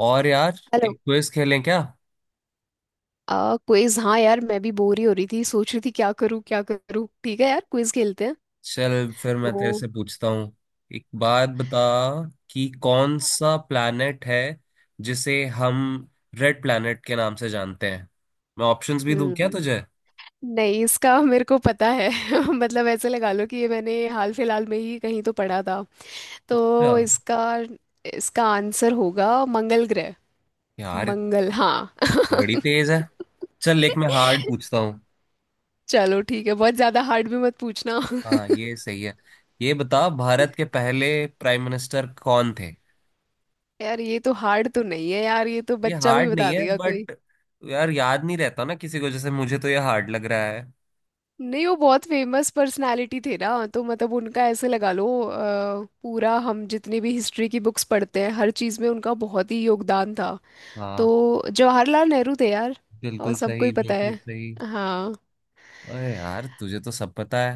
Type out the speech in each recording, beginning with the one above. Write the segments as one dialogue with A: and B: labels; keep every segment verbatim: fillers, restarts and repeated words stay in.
A: और यार,
B: हेलो।
A: एक क्विज खेलें क्या।
B: आ क्विज। हाँ यार, मैं भी बोर ही हो रही थी, सोच रही थी क्या करूँ क्या करूँ। ठीक है यार, क्विज खेलते हैं।
A: चल फिर मैं तेरे
B: तो
A: से पूछता हूँ। एक बात बता कि कौन सा प्लैनेट है जिसे हम रेड प्लैनेट के नाम से जानते हैं। मैं ऑप्शंस भी दूं क्या
B: हम्म
A: तुझे?
B: नहीं, इसका मेरे को पता है। मतलब ऐसे लगा लो कि ये मैंने हाल फिलहाल में ही कहीं तो पढ़ा था,
A: अच्छा।
B: तो इसका इसका आंसर होगा मंगल ग्रह।
A: यार,
B: मंगल, हाँ।
A: तो बड़ी तेज है। चल, एक मैं हार्ड पूछता हूँ।
B: चलो ठीक है, बहुत ज्यादा हार्ड भी मत पूछना।
A: हाँ ये सही है। ये बता, भारत के पहले प्राइम मिनिस्टर कौन थे।
B: यार ये तो हार्ड तो नहीं है यार, ये तो
A: ये
B: बच्चा भी
A: हार्ड नहीं
B: बता
A: है
B: देगा।
A: बट यार याद नहीं रहता ना किसी को, जैसे मुझे तो ये हार्ड लग रहा है।
B: नहीं, वो बहुत फेमस पर्सनालिटी थे ना, तो मतलब उनका ऐसे लगा लो अ, पूरा, हम जितनी भी हिस्ट्री की बुक्स पढ़ते हैं हर चीज़ में उनका बहुत ही योगदान था। तो
A: हाँ,
B: जवाहरलाल नेहरू थे यार। और
A: बिल्कुल
B: सबको ही
A: सही,
B: पता है।
A: बिल्कुल सही।
B: हाँ।
A: अरे यार, तुझे तो सब पता है।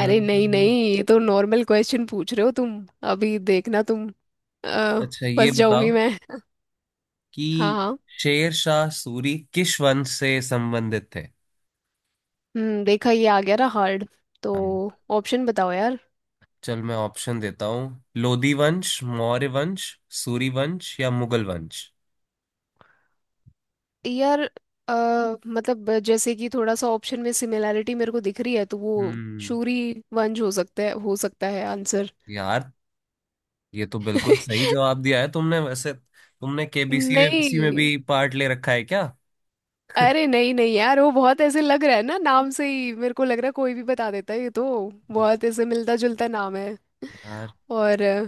B: अरे नहीं नहीं, ये तो नॉर्मल क्वेश्चन पूछ रहे हो तुम। अभी देखना तुम। अ,
A: अच्छा ये
B: फंस जाऊंगी
A: बताओ
B: मैं। हाँ
A: कि
B: हाँ।
A: शेर शाह सूरी किस वंश से संबंधित थे।
B: हम्म देखा ये आ गया ना हार्ड। तो
A: हम
B: ऑप्शन बताओ यार।
A: चल, मैं ऑप्शन देता हूँ। लोधी वंश, मौर्य वंश, सूरी वंश या मुगल वंश।
B: यार अ, मतलब जैसे कि थोड़ा सा ऑप्शन में सिमिलैरिटी मेरे को दिख रही है, तो वो
A: हम्म।
B: शूरी वंश हो सकता है, हो सकता है आंसर।
A: यार, ये तो बिल्कुल सही जवाब दिया है तुमने। वैसे तुमने केबीसी वेबीसी में
B: नहीं।
A: भी पार्ट ले रखा है क्या?
B: अरे नहीं नहीं यार, वो बहुत ऐसे लग रहा है ना, नाम से ही मेरे को लग रहा है कोई भी बता देता है ये तो। बहुत ऐसे मिलता जुलता नाम है।
A: यार।
B: और अ,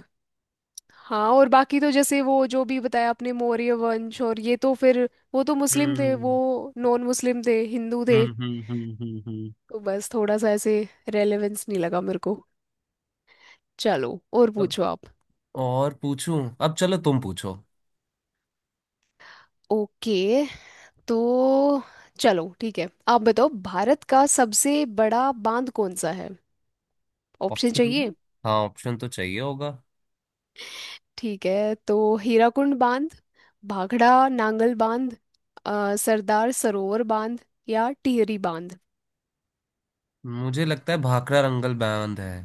B: हाँ, और बाकी तो जैसे वो जो भी बताया आपने मौर्य वंश और ये तो फिर, वो तो मुस्लिम थे,
A: हम्म
B: वो नॉन मुस्लिम थे, हिंदू थे।
A: हम्म हम्म हम्म। हम्म
B: तो बस थोड़ा सा ऐसे रेलेवेंस नहीं लगा मेरे को। चलो और
A: हम्म।
B: पूछो आप।
A: और पूछूं? अब चलो तुम पूछो।
B: ओके। तो चलो ठीक है, आप बताओ भारत का सबसे बड़ा बांध कौन सा है? ऑप्शन चाहिए?
A: ऑप्शन? हाँ, ऑप्शन तो चाहिए होगा।
B: ठीक है, तो हीराकुंड बांध, भाखड़ा नांगल बांध, अ, सरदार सरोवर बांध या टिहरी बांध।
A: मुझे लगता है भाखड़ा रंगल बांध है।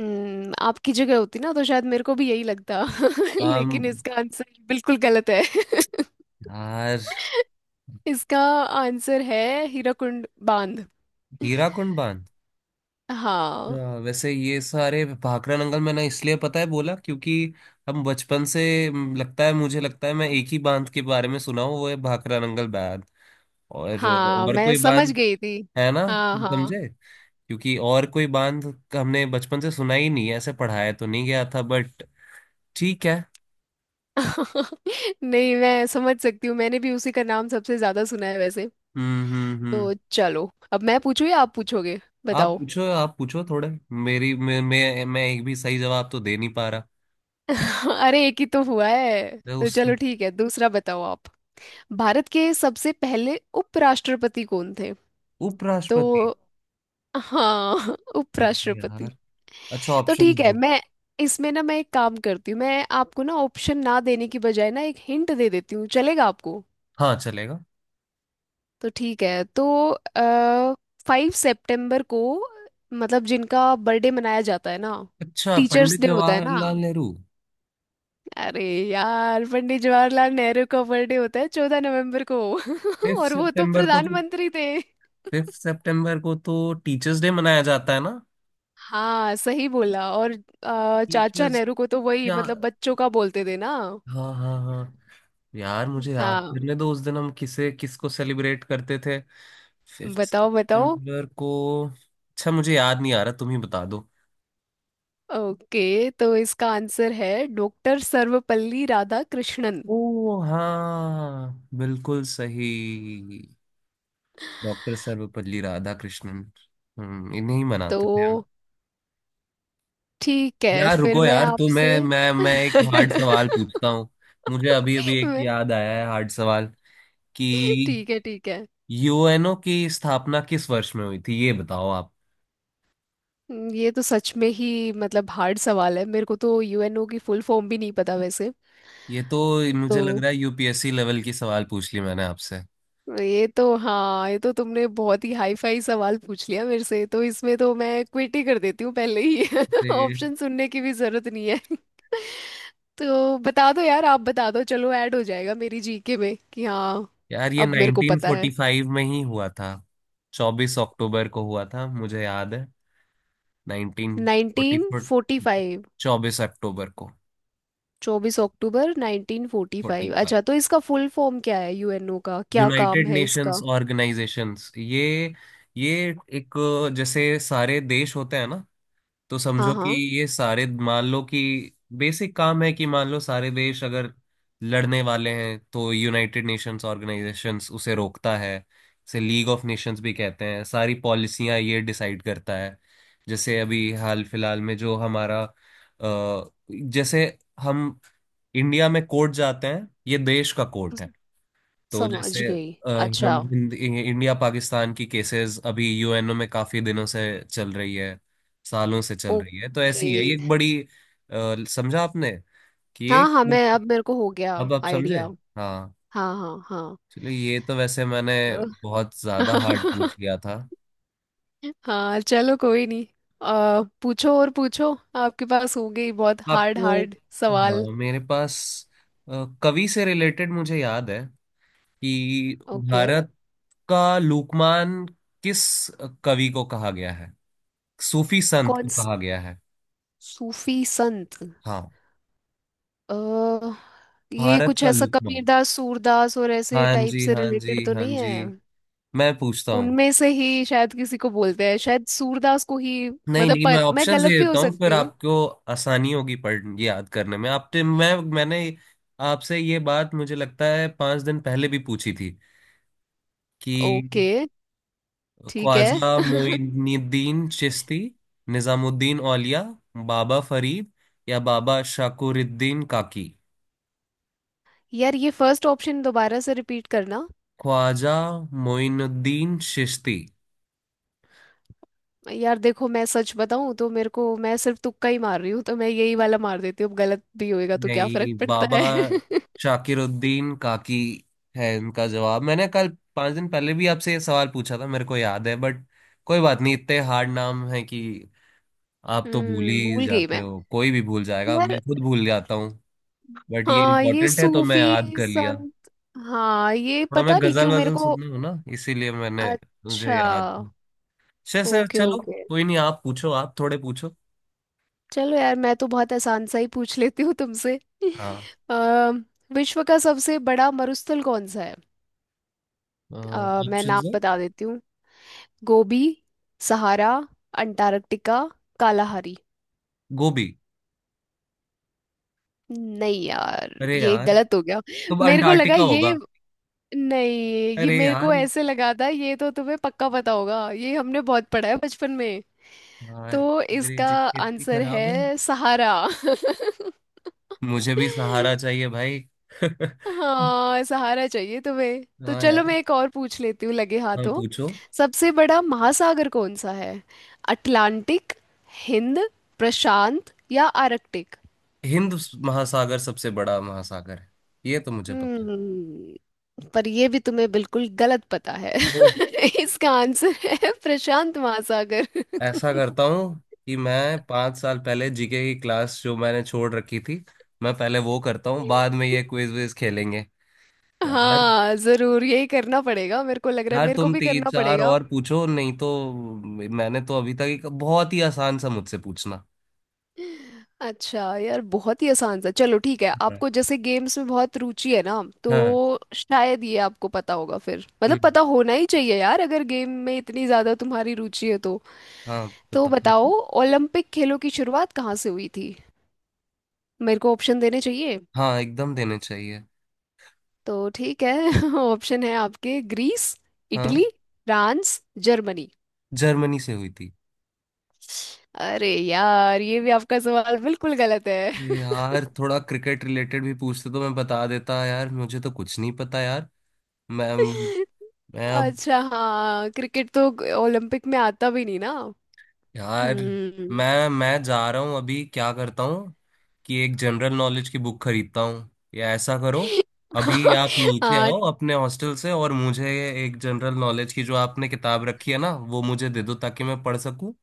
B: हम्म आपकी जगह होती ना तो शायद मेरे को भी यही लगता।
A: आम,
B: लेकिन इसका आंसर बिल्कुल गलत है।
A: यार।
B: इसका आंसर है हीराकुंड बांध।
A: हीराकुंड बांध।
B: हाँ
A: अच्छा, वैसे ये सारे भाखड़ा रंगल मैंने इसलिए पता है बोला क्योंकि हम बचपन से, म, लगता है, मुझे लगता है मैं एक ही बांध के बारे में सुना हूँ, वो है भाखड़ा रंगल बांध। और
B: हाँ,
A: और
B: मैं
A: कोई
B: समझ
A: बांध
B: गई थी।
A: है ना।
B: हाँ
A: तुम
B: हाँ।
A: समझे, क्योंकि और कोई बांध हमने बचपन से सुना ही नहीं है, ऐसे पढ़ाया तो नहीं गया था बट ठीक है।
B: नहीं, मैं समझ सकती हूँ, मैंने भी उसी का नाम सबसे ज्यादा सुना है वैसे।
A: हम्म हम्म हम्म।
B: तो चलो, अब मैं पूछूँ या आप पूछोगे?
A: आप
B: बताओ।
A: पूछो, आप पूछो थोड़े। मेरी मैं मैं मैं एक भी सही जवाब तो दे नहीं पा रहा।
B: अरे एक ही तो हुआ है,
A: मैं
B: तो
A: उस
B: चलो ठीक है, दूसरा बताओ आप। भारत के सबसे पहले उपराष्ट्रपति कौन थे? तो
A: उपराष्ट्रपति,
B: हाँ।
A: फिर भी यार,
B: उपराष्ट्रपति।
A: अच्छा
B: तो
A: ऑप्शन
B: ठीक है
A: दो।
B: मैं, इसमें ना मैं एक काम करती हूँ, मैं आपको ना ऑप्शन ना देने की बजाय ना एक हिंट दे देती हूँ, चलेगा आपको?
A: हाँ चलेगा।
B: तो ठीक है, तो आ, फाइव सितंबर को, मतलब जिनका बर्थडे मनाया जाता है ना,
A: अच्छा,
B: टीचर्स
A: पंडित
B: डे होता है ना।
A: जवाहरलाल नेहरू?
B: अरे यार, पंडित जवाहरलाल नेहरू का बर्थडे होता है चौदह नवंबर को।
A: फिफ्थ
B: और वो तो
A: सितंबर को तो,
B: प्रधानमंत्री थे।
A: फिफ्थ सितंबर को तो टीचर्स डे मनाया जाता है ना।
B: हाँ सही बोला। और अ, चाचा
A: टीचर्स
B: नेहरू को तो
A: डे।
B: वही
A: हाँ।
B: मतलब, बच्चों का बोलते थे ना।
A: हाँ हाँ। यार मुझे याद
B: हाँ।
A: करने दो, उस दिन हम किसे, किसको सेलिब्रेट करते थे फिफ्थ
B: बताओ बताओ।
A: सितंबर को। अच्छा मुझे याद नहीं आ रहा, तुम ही बता दो।
B: ओके, तो इसका आंसर है डॉक्टर सर्वपल्ली राधाकृष्णन।
A: ओ हाँ, बिल्कुल सही, डॉक्टर सर्वपल्ली राधाकृष्णन। हम्म, इन्हें ही
B: तो
A: मनाते थे हम।
B: ठीक है
A: यार
B: फिर
A: रुको,
B: मैं
A: यार तो
B: आपसे।
A: मैं मैं मैं एक हार्ड सवाल पूछता हूँ। मुझे अभी अभी एक
B: मैं
A: याद आया है हार्ड सवाल कि
B: ठीक है, ठीक है।
A: यूएनओ की स्थापना किस वर्ष में हुई थी, ये बताओ आप।
B: हम्म, ये तो सच में ही मतलब हार्ड सवाल है, मेरे को तो यूएनओ की फुल फॉर्म भी नहीं पता वैसे।
A: ये तो,
B: तो
A: मुझे लग रहा है यूपीएससी लेवल की सवाल पूछ ली मैंने आपसे।
B: ये तो, हाँ ये तो तुमने बहुत ही हाई फाई सवाल पूछ लिया मेरे से, तो इसमें तो मैं क्विट ही कर देती हूँ पहले ही।
A: ते-
B: ऑप्शन सुनने की भी जरूरत नहीं है। तो बता दो यार, आप बता दो, चलो ऐड हो जाएगा मेरी जीके में कि हाँ।
A: यार ये
B: अब मेरे को पता है,
A: नाइनटीन फोर्टी फाइव में ही हुआ था। चौबीस अक्टूबर को हुआ था, मुझे याद है। Nineteen forty
B: nineteen
A: four,
B: forty five.
A: चौबीस अक्टूबर को।
B: चौबीस अक्टूबर nineteen forty
A: forty
B: five
A: five.
B: अच्छा, तो इसका फुल फॉर्म क्या है? यूएनओ का क्या काम
A: यूनाइटेड
B: है
A: नेशंस
B: इसका?
A: ऑर्गेनाइजेशंस, ये ये एक, जैसे सारे देश होते हैं ना, तो
B: हाँ
A: समझो कि
B: हाँ।
A: ये सारे, मान लो कि बेसिक काम है कि मान लो सारे देश अगर लड़ने वाले हैं तो यूनाइटेड नेशंस ऑर्गेनाइजेशंस उसे रोकता है। इसे लीग ऑफ नेशंस भी कहते हैं, सारी पॉलिसियां ये डिसाइड करता है। जैसे अभी हाल फिलहाल में जो हमारा, अ, जैसे हम इंडिया में कोर्ट जाते हैं, ये देश का कोर्ट
B: स-
A: है। तो
B: समझ
A: जैसे,
B: गई।
A: अ, हम
B: अच्छा।
A: हिंद- इंडिया पाकिस्तान की केसेस अभी यूएनओ में काफी दिनों से चल रही है, सालों से चल रही है। तो
B: ओके।
A: ऐसी है ये एक बड़ी, अ, समझा आपने कि ये?
B: हाँ हाँ, मैं अब मेरे को हो गया
A: अब आप समझे?
B: आइडिया।
A: हाँ।
B: हाँ हाँ हाँ।
A: चलिए, ये तो वैसे मैंने बहुत
B: तो-
A: ज्यादा हार्ड पूछ लिया था
B: हाँ, चलो कोई नहीं। आ, पूछो और पूछो, आपके पास होंगे ही बहुत हार्ड
A: आपको।
B: हार्ड
A: हाँ
B: सवाल।
A: मेरे पास, अ, कवि से रिलेटेड मुझे याद है कि
B: ओके।
A: भारत का लोकमान किस कवि को कहा गया है, सूफी संत को
B: कौन स-
A: कहा गया है।
B: सूफी संत।
A: हाँ,
B: अ, ये
A: भारत
B: कुछ
A: का
B: ऐसा
A: लोकमान।
B: कबीरदास सूरदास और ऐसे
A: हाँ
B: टाइप
A: जी,
B: से
A: हाँ
B: रिलेटेड
A: जी,
B: तो
A: हाँ
B: नहीं है?
A: जी, मैं पूछता हूँ।
B: उनमें से ही शायद किसी को बोलते हैं, शायद सूरदास को ही,
A: नहीं
B: मतलब
A: नहीं, मैं
B: पत, मैं
A: ऑप्शंस दे
B: गलत भी हो
A: देता हूँ
B: सकती
A: फिर
B: हूँ।
A: आपको, आसानी होगी पढ़ याद करने में। आपने, मैं मैंने आपसे ये बात मुझे लगता है पांच दिन पहले भी पूछी थी कि
B: ओके ठीक है।
A: ख्वाजा मोइनुद्दीन चिश्ती, निजामुद्दीन औलिया, बाबा फरीद या बाबा शाकुरुद्दीन काकी।
B: यार, ये फर्स्ट ऑप्शन दोबारा से रिपीट करना।
A: ख्वाजा मोइनुद्दीन चिश्ती।
B: यार देखो, मैं सच बताऊं तो मेरे को, मैं सिर्फ तुक्का ही मार रही हूँ, तो मैं यही वाला मार देती हूँ, अब गलत भी होएगा तो क्या फर्क
A: नहीं,
B: पड़ता
A: बाबा
B: है।
A: शाकिरुद्दीन काकी है इनका जवाब। मैंने कल, पांच दिन पहले भी आपसे ये सवाल पूछा था, मेरे को याद है। बट कोई बात नहीं, इतने हार्ड नाम है कि आप तो भूल
B: हम्म
A: ही
B: भूल गई
A: जाते
B: मैं
A: हो, कोई भी भूल जाएगा, मैं
B: यार।
A: खुद भूल जाता हूँ। बट ये
B: हाँ, ये
A: इम्पोर्टेंट है तो मैं
B: सूफी
A: याद कर लिया।
B: संत। हाँ, ये
A: थोड़ा मैं
B: पता नहीं
A: गजल
B: क्यों मेरे
A: वजल
B: को।
A: सुनती हूँ ना, इसीलिए मैंने मुझे
B: अच्छा।
A: याद। सर सर
B: ओके
A: चलो,
B: ओके।
A: कोई नहीं, आप पूछो, आप थोड़े पूछो।
B: चलो यार, मैं तो बहुत आसान सा ही पूछ लेती हूँ तुमसे।
A: हाँ,
B: अ, विश्व का सबसे बड़ा मरुस्थल कौन सा है? अ, मैं
A: ऑप्शन
B: नाम
A: है?
B: बता देती हूँ। Gobi, Sahara, Antarctica, Kalahari.
A: गोभी।
B: नहीं यार,
A: अरे
B: ये
A: यार,
B: गलत हो गया।
A: तो
B: मेरे को लगा
A: अंटार्कटिका
B: ये,
A: होगा।
B: नहीं, ये
A: अरे
B: मेरे
A: यार,
B: को ऐसे लगा था ये तो तुम्हें पक्का पता होगा, ये हमने बहुत पढ़ा है बचपन में।
A: यार
B: तो
A: मेरी
B: इसका
A: जिप इतनी
B: आंसर
A: खराब है।
B: है सहारा।
A: मुझे भी सहारा चाहिए भाई। हाँ।
B: हाँ, सहारा चाहिए तुम्हें, तो चलो
A: यार,
B: मैं एक और पूछ लेती हूँ लगे
A: हाँ
B: हाथों।
A: पूछो।
B: सबसे बड़ा महासागर कौन सा है? अटलांटिक, हिंद, प्रशांत या आर्कटिक।
A: हिंद महासागर सबसे बड़ा महासागर है, ये तो मुझे पता
B: हम्म पर ये भी तुम्हें बिल्कुल गलत पता है।
A: है।
B: इसका आंसर है प्रशांत महासागर।
A: ऐसा करता हूँ कि मैं पाँच साल पहले जीके की क्लास जो मैंने छोड़ रखी थी, मैं पहले वो करता हूँ, बाद में ये क्विज विज खेलेंगे। यार,
B: हाँ जरूर, यही करना पड़ेगा। मेरे को लग रहा है
A: यार
B: मेरे को
A: तुम
B: भी
A: तीन
B: करना
A: चार
B: पड़ेगा।
A: और पूछो, नहीं तो, मैंने तो अभी तक एक, बहुत ही आसान सा मुझसे पूछना।
B: अच्छा यार, बहुत ही आसान सा, चलो ठीक है।
A: हाँ।
B: आपको जैसे गेम्स में बहुत रुचि है ना, तो
A: हाँ।
B: शायद ये आपको पता होगा फिर, मतलब
A: हम्म।
B: पता होना ही चाहिए यार, अगर गेम में इतनी ज्यादा तुम्हारी रुचि है तो
A: हाँ,
B: तो
A: बताओ
B: बताओ
A: पूछो।
B: ओलंपिक खेलों की शुरुआत कहाँ से हुई थी? मेरे को ऑप्शन देने चाहिए।
A: हाँ, एकदम देने चाहिए।
B: तो ठीक है। ऑप्शन है आपके — ग्रीस,
A: हाँ,
B: इटली, फ्रांस, जर्मनी।
A: जर्मनी से हुई थी।
B: अरे यार, ये भी आपका सवाल बिल्कुल गलत है।
A: अरे यार, थोड़ा क्रिकेट रिलेटेड भी पूछते तो मैं बता देता यार, मुझे तो कुछ नहीं पता यार। मैं मैं अब,
B: अच्छा हाँ, क्रिकेट तो ओलंपिक में आता भी नहीं ना।
A: यार
B: हम्म।
A: मैं मैं जा रहा हूँ अभी। क्या करता हूँ कि एक जनरल नॉलेज की बुक खरीदता हूँ, या ऐसा करो, अभी आप नीचे
B: हाँ।
A: आओ अपने हॉस्टल से और मुझे एक जनरल नॉलेज की जो आपने किताब रखी है ना, वो मुझे दे दो ताकि मैं पढ़ सकूँ।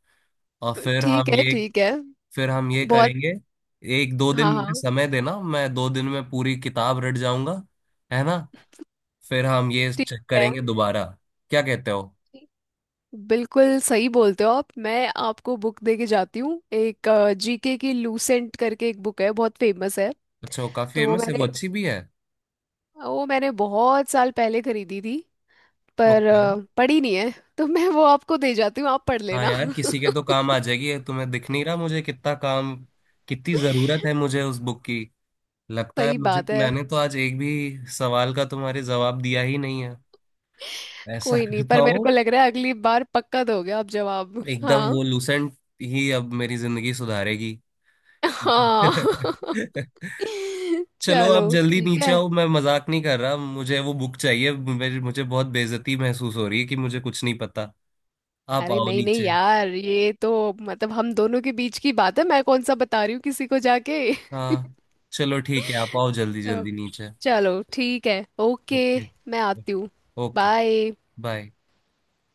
A: और फिर
B: ठीक
A: हम
B: है
A: ये,
B: ठीक है।
A: फिर हम ये
B: बहुत।
A: करेंगे। एक दो दिन
B: हाँ
A: मुझे
B: हाँ।
A: समय देना, मैं दो दिन में पूरी किताब रट जाऊंगा। है ना? फिर हम ये
B: ठीक
A: चेक
B: है।
A: करेंगे दोबारा, क्या कहते हो?
B: ठीक। बिल्कुल सही बोलते हो आप। मैं आपको बुक दे के जाती हूँ एक। जीके की लूसेंट करके एक बुक है, बहुत फेमस है।
A: अच्छा, वो काफी
B: तो वो
A: फेमस है, वो
B: मैंने
A: अच्छी भी है।
B: वो मैंने बहुत साल पहले खरीदी थी, पर
A: ओके।
B: अ, पढ़ी नहीं है। तो मैं वो आपको दे जाती हूँ, आप पढ़
A: हाँ
B: लेना।
A: यार, किसी के तो काम आ जाएगी। ये तुम्हें दिख नहीं रहा मुझे कितना काम, कितनी जरूरत है मुझे उस बुक की। लगता है
B: सही
A: मुझे,
B: बात है।
A: मैंने तो आज एक भी सवाल का तुम्हारे जवाब दिया ही नहीं है। ऐसा
B: कोई नहीं,
A: करता
B: पर मेरे
A: हूँ।
B: को लग रहा है अगली बार पक्का दोगे आप जवाब।
A: एकदम
B: हाँ
A: वो लूसेंट ही अब मेरी जिंदगी सुधारेगी।
B: हाँ।
A: चलो, अब
B: चलो
A: जल्दी
B: ठीक
A: नीचे
B: है।
A: आओ। मैं मजाक नहीं कर रहा, मुझे वो बुक चाहिए। मेरे, मुझे बहुत बेइज्जती महसूस हो रही है कि मुझे कुछ नहीं पता। आप
B: अरे
A: आओ
B: नहीं नहीं
A: नीचे।
B: यार, ये तो मतलब हम दोनों के बीच की बात है, मैं कौन सा बता रही हूँ किसी को जाके।
A: हाँ चलो ठीक है, आप आओ जल्दी
B: तो
A: जल्दी नीचे।
B: चलो ठीक है, ओके।
A: ओके,
B: मैं आती हूँ।
A: ओके।
B: बाय।
A: बाय।